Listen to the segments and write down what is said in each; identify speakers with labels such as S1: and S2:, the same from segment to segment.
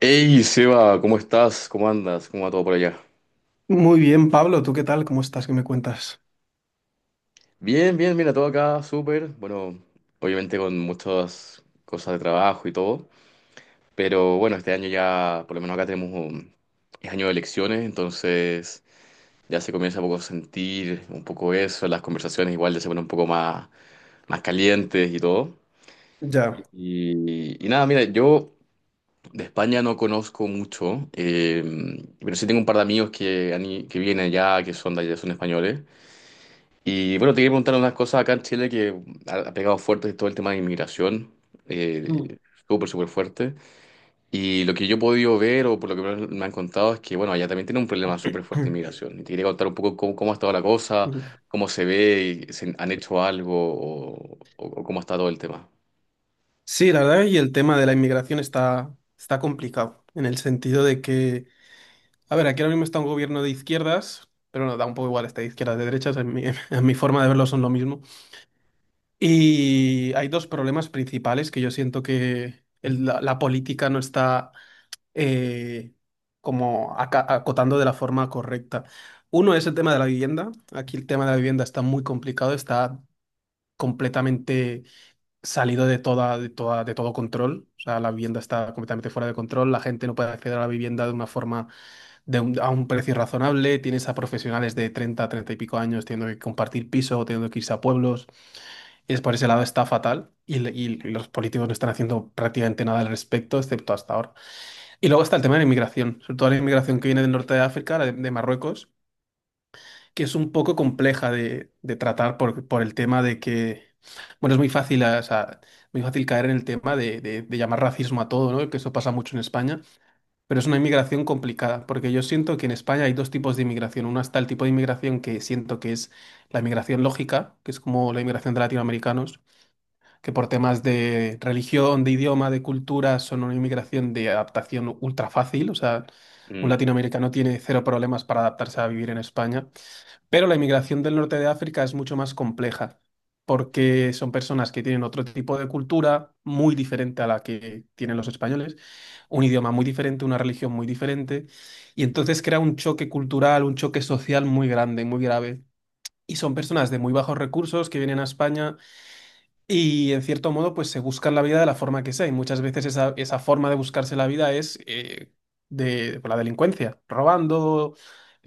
S1: Hey Seba, ¿cómo estás? ¿Cómo andas? ¿Cómo va todo por allá?
S2: Muy bien, Pablo, ¿tú qué tal? ¿Cómo estás? ¿Qué me cuentas?
S1: Bien, bien, mira, todo acá, súper. Bueno, obviamente con muchas cosas de trabajo y todo. Pero bueno, este año ya, por lo menos acá tenemos es año de elecciones, entonces ya se comienza un poco a sentir un poco eso. Las conversaciones igual ya se ponen un poco más calientes y todo.
S2: Ya.
S1: Y nada, mira, yo de España no conozco mucho, pero sí tengo un par de amigos que vienen allá, que son de allá, son españoles. Y bueno, te quería preguntar unas cosas acá en Chile que ha pegado fuerte todo el tema de inmigración,
S2: Mm.
S1: eh, súper, súper fuerte. Y lo que yo he podido ver o por lo que me han contado es que, bueno, allá también tiene un problema súper fuerte de inmigración. Y te quería contar un poco cómo ha estado la cosa, cómo se ve, y si han hecho algo o cómo está todo el tema.
S2: Sí, la verdad, y el tema de la inmigración está, está complicado, en el sentido de que, a ver, aquí ahora mismo está un gobierno de izquierdas, pero no, da un poco igual, está de izquierdas, de derechas, en mi, en mi forma de verlo son lo mismo. Y hay dos problemas principales que yo siento que la política no está eh, como acotando de la forma correcta. Uno es el tema de la vivienda, aquí el tema de la vivienda está muy complicado, está completamente salido de todo control. O sea, la vivienda está completamente fuera de control, la gente no puede acceder a la vivienda de una forma, a un precio razonable, tienes a profesionales de 30 y pico años teniendo que compartir piso, teniendo que irse a pueblos. Es por ese lado está fatal y, y los políticos no están haciendo prácticamente nada al respecto, excepto hasta ahora. Y luego está el tema de la inmigración, sobre todo la inmigración que viene del norte de África, la de Marruecos, que es un poco compleja de tratar por el tema de que, bueno, es muy fácil, o sea, muy fácil caer en el tema de llamar racismo a todo, ¿no? Que eso pasa mucho en España, pero es una inmigración complicada, porque yo siento que en España hay dos tipos de inmigración. Una está el tipo de inmigración que siento que es la inmigración lógica, que es como la inmigración de latinoamericanos, que por temas de religión, de idioma, de cultura, son una inmigración de adaptación ultra fácil, o sea, un
S1: Mm,
S2: latinoamericano tiene cero problemas para adaptarse a vivir en España. Pero la inmigración del norte de África es mucho más compleja, porque son personas que tienen otro tipo de cultura muy diferente a la que tienen los españoles, un idioma muy diferente, una religión muy diferente, y entonces crea un choque cultural, un choque social muy grande, muy grave. Y son personas de muy bajos recursos que vienen a España y en cierto modo, pues se buscan la vida de la forma que sea. Y muchas veces esa, esa forma de buscarse la vida es de por la delincuencia, robando,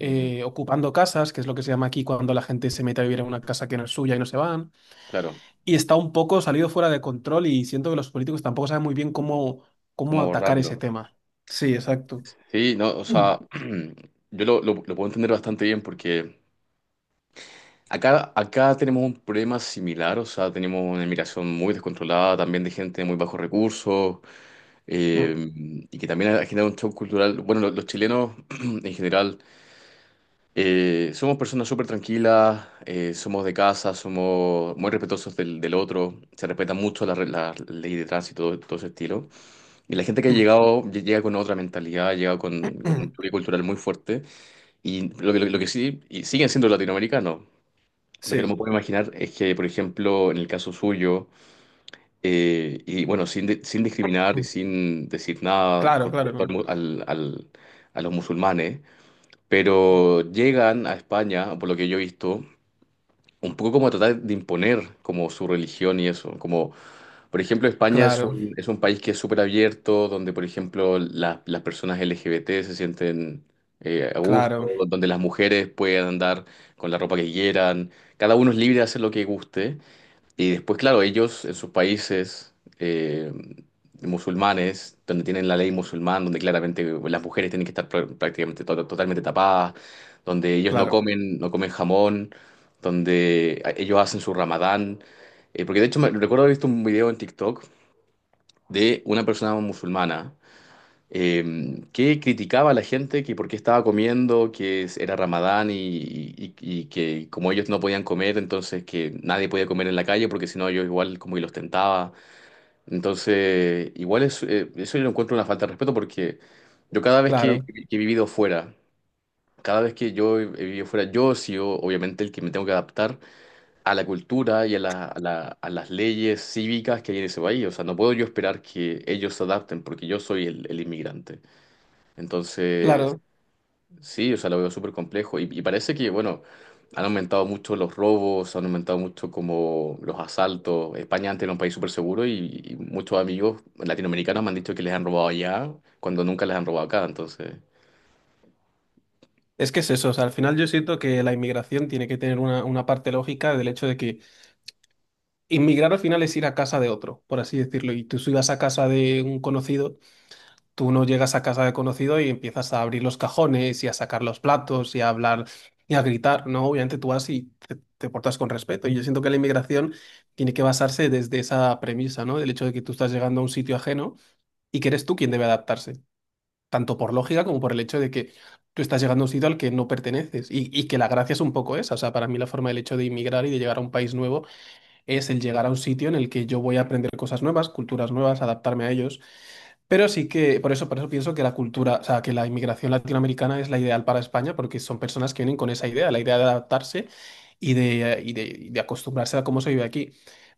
S1: ujú,
S2: ocupando casas, que es lo que se llama aquí cuando la gente se mete a vivir en una casa que no es suya y no se van.
S1: claro,
S2: Y está un poco salido fuera de control y siento que los políticos tampoco saben muy bien cómo, cómo
S1: cómo
S2: atacar ese
S1: borrarlo.
S2: tema. Sí, exacto.
S1: Sí, no, o
S2: Mm,
S1: sea, yo lo puedo entender bastante bien porque acá tenemos un problema similar, o sea, tenemos una inmigración muy descontrolada, también de gente de muy bajos recursos, eh,
S2: mm,
S1: y que también ha generado un shock cultural. Bueno, los chilenos en general somos personas súper tranquilas, somos de casa, somos muy respetuosos del otro, se respetan mucho la ley de tránsito, todo ese estilo. Y la gente que ha
S2: mm,
S1: llegado, llega con otra mentalidad, llega con un
S2: mm.
S1: choque cultural muy fuerte, y lo que sí, y siguen siendo latinoamericanos. Lo que no me
S2: Sí,
S1: puedo imaginar es que, por ejemplo, en el caso suyo, y bueno, sin discriminar y sin decir nada
S2: claro,
S1: con respecto al,
S2: claro,
S1: mu- al- al- a los musulmanes, pero llegan a España, por lo que yo he visto, un poco como a tratar de imponer como su religión y eso. Como, por ejemplo, España es
S2: claro,
S1: un, es un país que es súper abierto, donde, por ejemplo, las personas LGBT se sienten a gusto,
S2: claro,
S1: donde las mujeres pueden andar con la ropa que quieran, cada uno es libre de hacer lo que guste. Y después, claro, ellos en sus países musulmanes, donde tienen la ley musulmán, donde claramente las mujeres tienen que estar prácticamente totalmente tapadas, donde ellos no
S2: claro,
S1: comen, no comen jamón, donde ellos hacen su ramadán. Porque de hecho me recuerdo haber visto un video en TikTok de una persona musulmana que criticaba a la gente que por qué estaba comiendo, que era Ramadán y que como ellos no podían comer, entonces que nadie podía comer en la calle porque si no yo igual como que los tentaba. Entonces, igual es, eso yo lo encuentro una falta de respeto porque yo cada vez que,
S2: claro,
S1: que he vivido fuera, cada vez que yo he vivido fuera, yo he sido obviamente el que me tengo que adaptar a la cultura y a las leyes cívicas que hay en ese país. O sea, no puedo yo esperar que ellos se adapten porque yo soy el inmigrante. Entonces,
S2: claro.
S1: sí, o sea, lo veo súper complejo. Y parece que, bueno, han aumentado mucho los robos, han aumentado mucho como los asaltos. España antes era un país súper seguro y muchos amigos latinoamericanos me han dicho que les han robado allá cuando nunca les han robado acá. Entonces,
S2: Es que es eso, o sea, al final yo siento que la inmigración tiene que tener una parte lógica del hecho de que inmigrar al final es ir a casa de otro, por así decirlo, y tú si vas a casa de un conocido, tú no llegas a casa de conocido y empiezas a abrir los cajones y a sacar los platos y a hablar y a gritar, ¿no? Obviamente tú vas y te portas con respeto, y yo siento que la inmigración tiene que basarse desde esa premisa, ¿no? Del hecho de que tú estás llegando a un sitio ajeno y que eres tú quien debe adaptarse tanto por lógica como por el hecho de que tú estás llegando a un sitio al que no perteneces y que la gracia es un poco esa. O sea, para mí la forma del hecho de inmigrar y de llegar a un país nuevo es el llegar a un sitio en el que yo voy a aprender cosas nuevas, culturas nuevas, adaptarme a ellos. Pero sí que, por eso pienso que la cultura, o sea, que la inmigración latinoamericana es la ideal para España, porque son personas que vienen con esa idea, la idea de adaptarse y de, y de, y de acostumbrarse a cómo se vive aquí.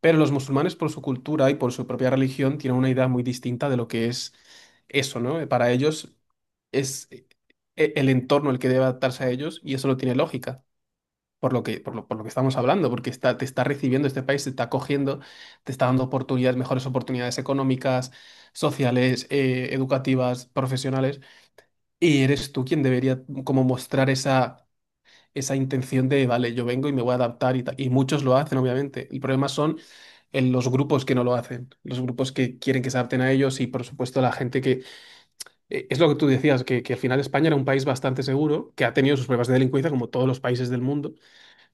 S2: Pero los musulmanes, por su cultura y por su propia religión, tienen una idea muy distinta de lo que es eso, ¿no? Para ellos es el entorno el que debe adaptarse a ellos y eso no tiene lógica por lo que estamos hablando, porque está, te está recibiendo este país, te está acogiendo, te está dando oportunidades, mejores oportunidades económicas, sociales, educativas, profesionales, y eres tú quien debería como mostrar esa, esa intención de, vale, yo vengo y me voy a adaptar y tal. Y muchos lo hacen, obviamente. El problema son en los grupos que no lo hacen, los grupos que quieren que se adapten a ellos y por supuesto la gente que, es lo que tú decías, que al final España era un país bastante seguro, que ha tenido sus pruebas de delincuencia como todos los países del mundo,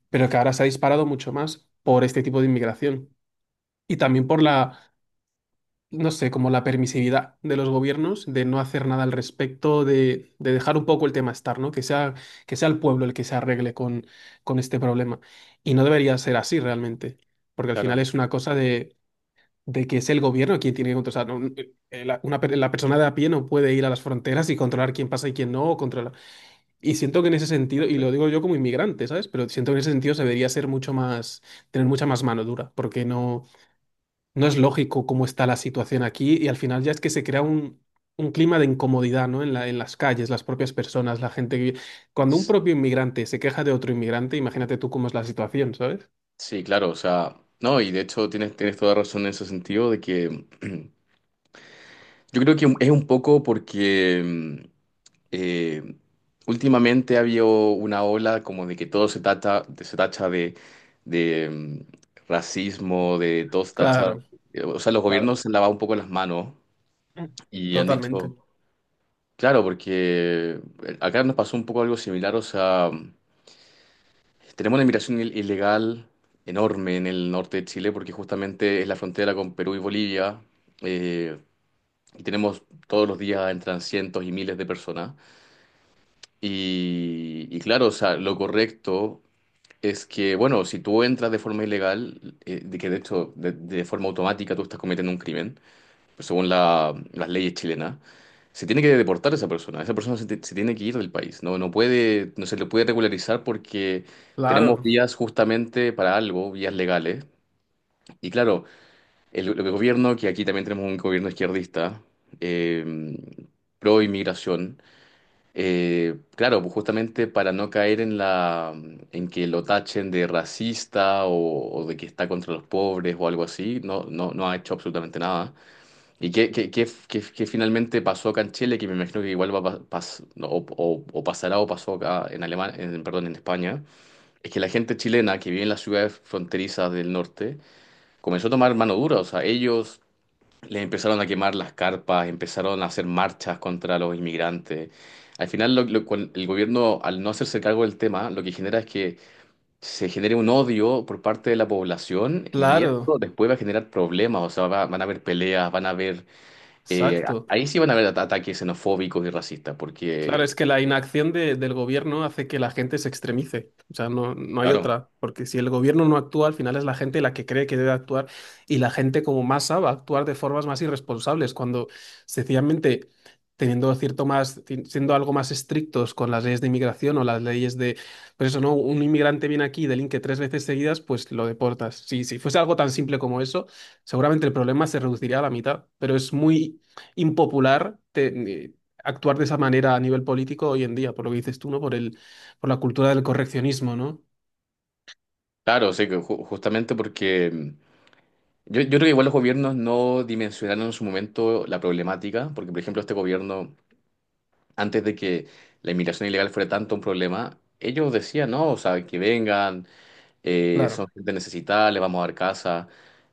S2: pero que ahora se ha disparado mucho más por este tipo de inmigración y también por la, no sé, como la permisividad de los gobiernos de no hacer nada al respecto, de dejar un poco el tema estar, ¿no? Que sea el pueblo el que se arregle con este problema. Y no debería ser así realmente, porque al final
S1: claro.
S2: es una cosa de que es el gobierno quien tiene que controlar. O sea, no, la, la persona de a pie no puede ir a las fronteras y controlar quién pasa y quién no, o controlar, y siento que en ese sentido, y lo
S1: Bastante.
S2: digo yo como inmigrante, ¿sabes? Pero siento que en ese sentido se debería ser mucho más, tener mucha más mano dura, porque no, no es lógico cómo está la situación aquí y al final ya es que se crea un clima de incomodidad, ¿no? En la, en las calles, las propias personas, la gente que... vive- Cuando un propio inmigrante se queja de otro inmigrante, imagínate tú cómo es la situación, ¿sabes?
S1: Sí, claro, o sea, no, y de hecho tienes toda razón en ese sentido de que yo creo que es un poco porque eh, últimamente ha habido una ola como de que todo se tacha, se tacha de, racismo, de todo se tacha,
S2: Claro,
S1: o sea, los
S2: claro.
S1: gobiernos se han lavado un poco las manos
S2: Mm.
S1: y han
S2: Totalmente.
S1: dicho, claro, porque acá nos pasó un poco algo similar, o sea, tenemos una inmigración ilegal enorme en el norte de Chile porque justamente es la frontera con Perú y Bolivia. Eh, que tenemos todos los días entran cientos y miles de personas. Y claro, o sea, lo correcto es que, bueno, si tú entras de forma ilegal, de que de hecho de forma automática tú estás cometiendo un crimen, pues según las leyes chilenas, se tiene que deportar a esa persona. Esa persona se tiene que ir del país. No, no puede, no se le puede regularizar porque tenemos
S2: Claro,
S1: vías justamente para algo, vías legales. Y claro, el gobierno, que aquí también tenemos un gobierno izquierdista, eh, pro inmigración, claro, pues justamente para no caer en en que lo tachen de racista o de que está contra los pobres o algo así, no, no, no ha hecho absolutamente nada. ¿Y qué finalmente pasó acá en Chile? Que me imagino que igual va a no, o pasará o pasó acá en perdón, en España, es que la gente chilena que vive en las ciudades fronterizas del norte comenzó a tomar mano dura, o sea, ellos les empezaron a quemar las carpas, empezaron a hacer marchas contra los inmigrantes. Al final, el gobierno, al no hacerse cargo del tema, lo que genera es que se genere un odio por parte de la población y
S2: claro,
S1: esto después va a generar problemas, o sea, van a haber peleas, van a haber. eh,
S2: exacto.
S1: Ahí sí van a haber ataques xenofóbicos y racistas,
S2: Claro, es
S1: porque,
S2: que la inacción del gobierno hace que la gente se extremice. O sea, no, no hay
S1: claro,
S2: otra. Porque si el gobierno no actúa, al final es la gente la que cree que debe actuar. Y la gente como masa va a actuar de formas más irresponsables. Cuando sencillamente teniendo cierto más, siendo algo más estrictos con las leyes de inmigración o las leyes de, pues eso, ¿no? Un inmigrante viene aquí y delinque tres veces seguidas, pues lo deportas. Si, si fuese algo tan simple como eso, seguramente el problema se reduciría a la mitad. Pero es muy impopular actuar de esa manera a nivel político hoy en día, por lo que dices tú, ¿no? Por el, por la cultura del correccionismo, ¿no?
S1: claro, sí, que justamente porque. Yo creo que igual los gobiernos no dimensionaron en su momento la problemática, porque, por ejemplo, este gobierno, antes de que la inmigración ilegal fuera tanto un problema, ellos decían, no, o sea, que vengan, son
S2: Claro,
S1: gente necesitada, les vamos a dar casa.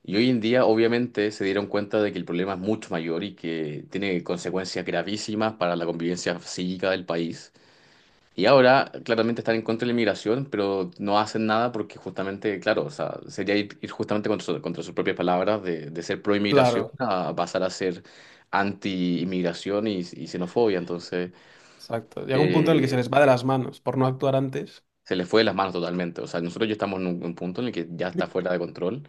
S1: Y hoy en día, obviamente, se dieron cuenta de que el problema es mucho mayor y que tiene consecuencias gravísimas para la convivencia psíquica del país. Y ahora, claramente, están en contra de la inmigración, pero no hacen nada porque justamente, claro, o sea, sería ir justamente contra sus propias palabras de ser pro inmigración
S2: claro,
S1: a pasar a ser anti inmigración y xenofobia. Entonces,
S2: exacto. Llega un punto en el que se
S1: eh,
S2: les va de las manos por no actuar antes.
S1: se le fue de las manos totalmente. O sea, nosotros ya estamos en un punto en el que ya está fuera de control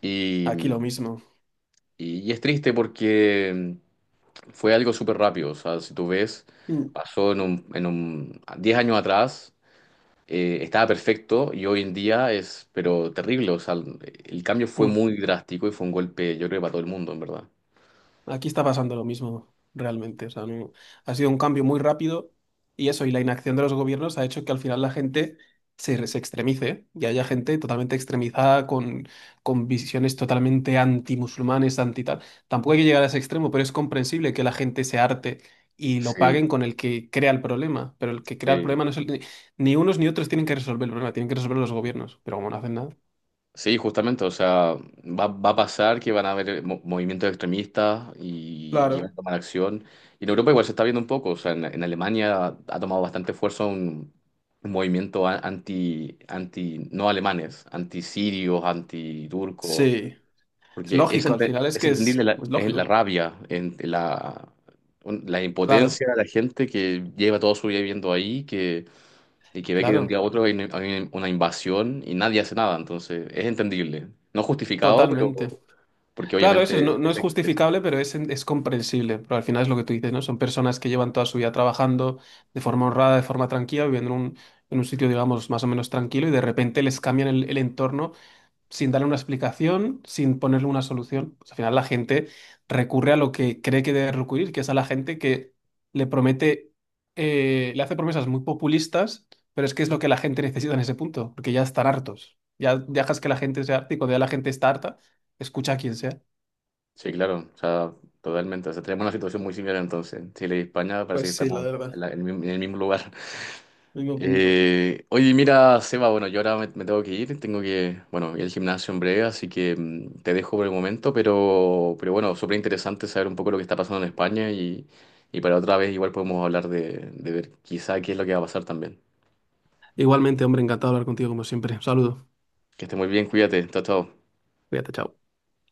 S1: y,
S2: Aquí lo mismo.
S1: y es triste porque fue algo súper rápido. O sea, si tú ves,
S2: Mm,
S1: pasó en un 10 años atrás, estaba perfecto y hoy en día es, pero terrible. O sea, el cambio fue
S2: mm.
S1: muy drástico y fue un golpe, yo creo, para todo el mundo, en verdad.
S2: Aquí está pasando lo mismo, realmente. O sea, ha sido un cambio muy rápido y eso, y la inacción de los gobiernos ha hecho que al final la gente se extremice y haya gente totalmente extremizada con visiones totalmente antimusulmanes, anti tal. Tampoco hay que llegar a ese extremo, pero es comprensible que la gente se harte y lo paguen
S1: Sí,
S2: con el que crea el problema. Pero el que crea el
S1: sí.
S2: problema no es el... Ni unos ni otros tienen que resolver el problema, tienen que resolver los gobiernos. Pero como no hacen nada.
S1: Sí, justamente, o sea, va a pasar que van a haber movimientos extremistas y van a
S2: Claro.
S1: tomar acción. Y en Europa igual se está viendo un poco, o sea, en Alemania ha tomado bastante fuerza un movimiento anti, no alemanes, anti-sirios, anti-turcos,
S2: Sí. Es
S1: porque es,
S2: lógico, al final
S1: ente-
S2: es
S1: es
S2: que
S1: entendible la,
S2: es
S1: es la
S2: lógico.
S1: rabia, la
S2: Claro,
S1: impotencia de la gente que lleva toda su vida viviendo ahí, y que ve que de un día
S2: claro.
S1: a otro hay una invasión y nadie hace nada, entonces es entendible. No justificado,
S2: Totalmente.
S1: pero porque
S2: Claro,
S1: obviamente,
S2: eso es- no, no es justificable, pero es comprensible. Pero al final es lo que tú dices, ¿no? Son personas que llevan toda su vida trabajando de forma honrada, de forma tranquila, viviendo en un sitio, digamos, más o menos tranquilo y de repente les cambian el entorno sin darle una explicación, sin ponerle una solución. Pues al final la gente recurre a lo que cree que debe recurrir, que es a la gente que le promete, le hace promesas muy populistas, pero es que es lo que la gente necesita en ese punto, porque ya están hartos. Ya dejas que la gente sea harta y cuando ya la gente está harta, escucha a quien sea.
S1: sí, claro, o sea, totalmente. O sea, tenemos una situación muy similar entonces. Chile y España parece que
S2: Pues sí, la
S1: estamos
S2: verdad.
S1: en el mismo lugar.
S2: Mismo punto.
S1: Oye, mira, Seba, bueno, yo ahora me tengo que ir, tengo que, bueno, ir al gimnasio en breve, así que te dejo por el momento, pero bueno, súper interesante saber un poco lo que está pasando en España y para otra vez igual podemos hablar de ver quizá qué es lo que va a pasar también.
S2: Igualmente, hombre, encantado de hablar contigo como siempre. Un saludo.
S1: Que esté muy bien, cuídate. Chao, chao.
S2: Cuídate, chao.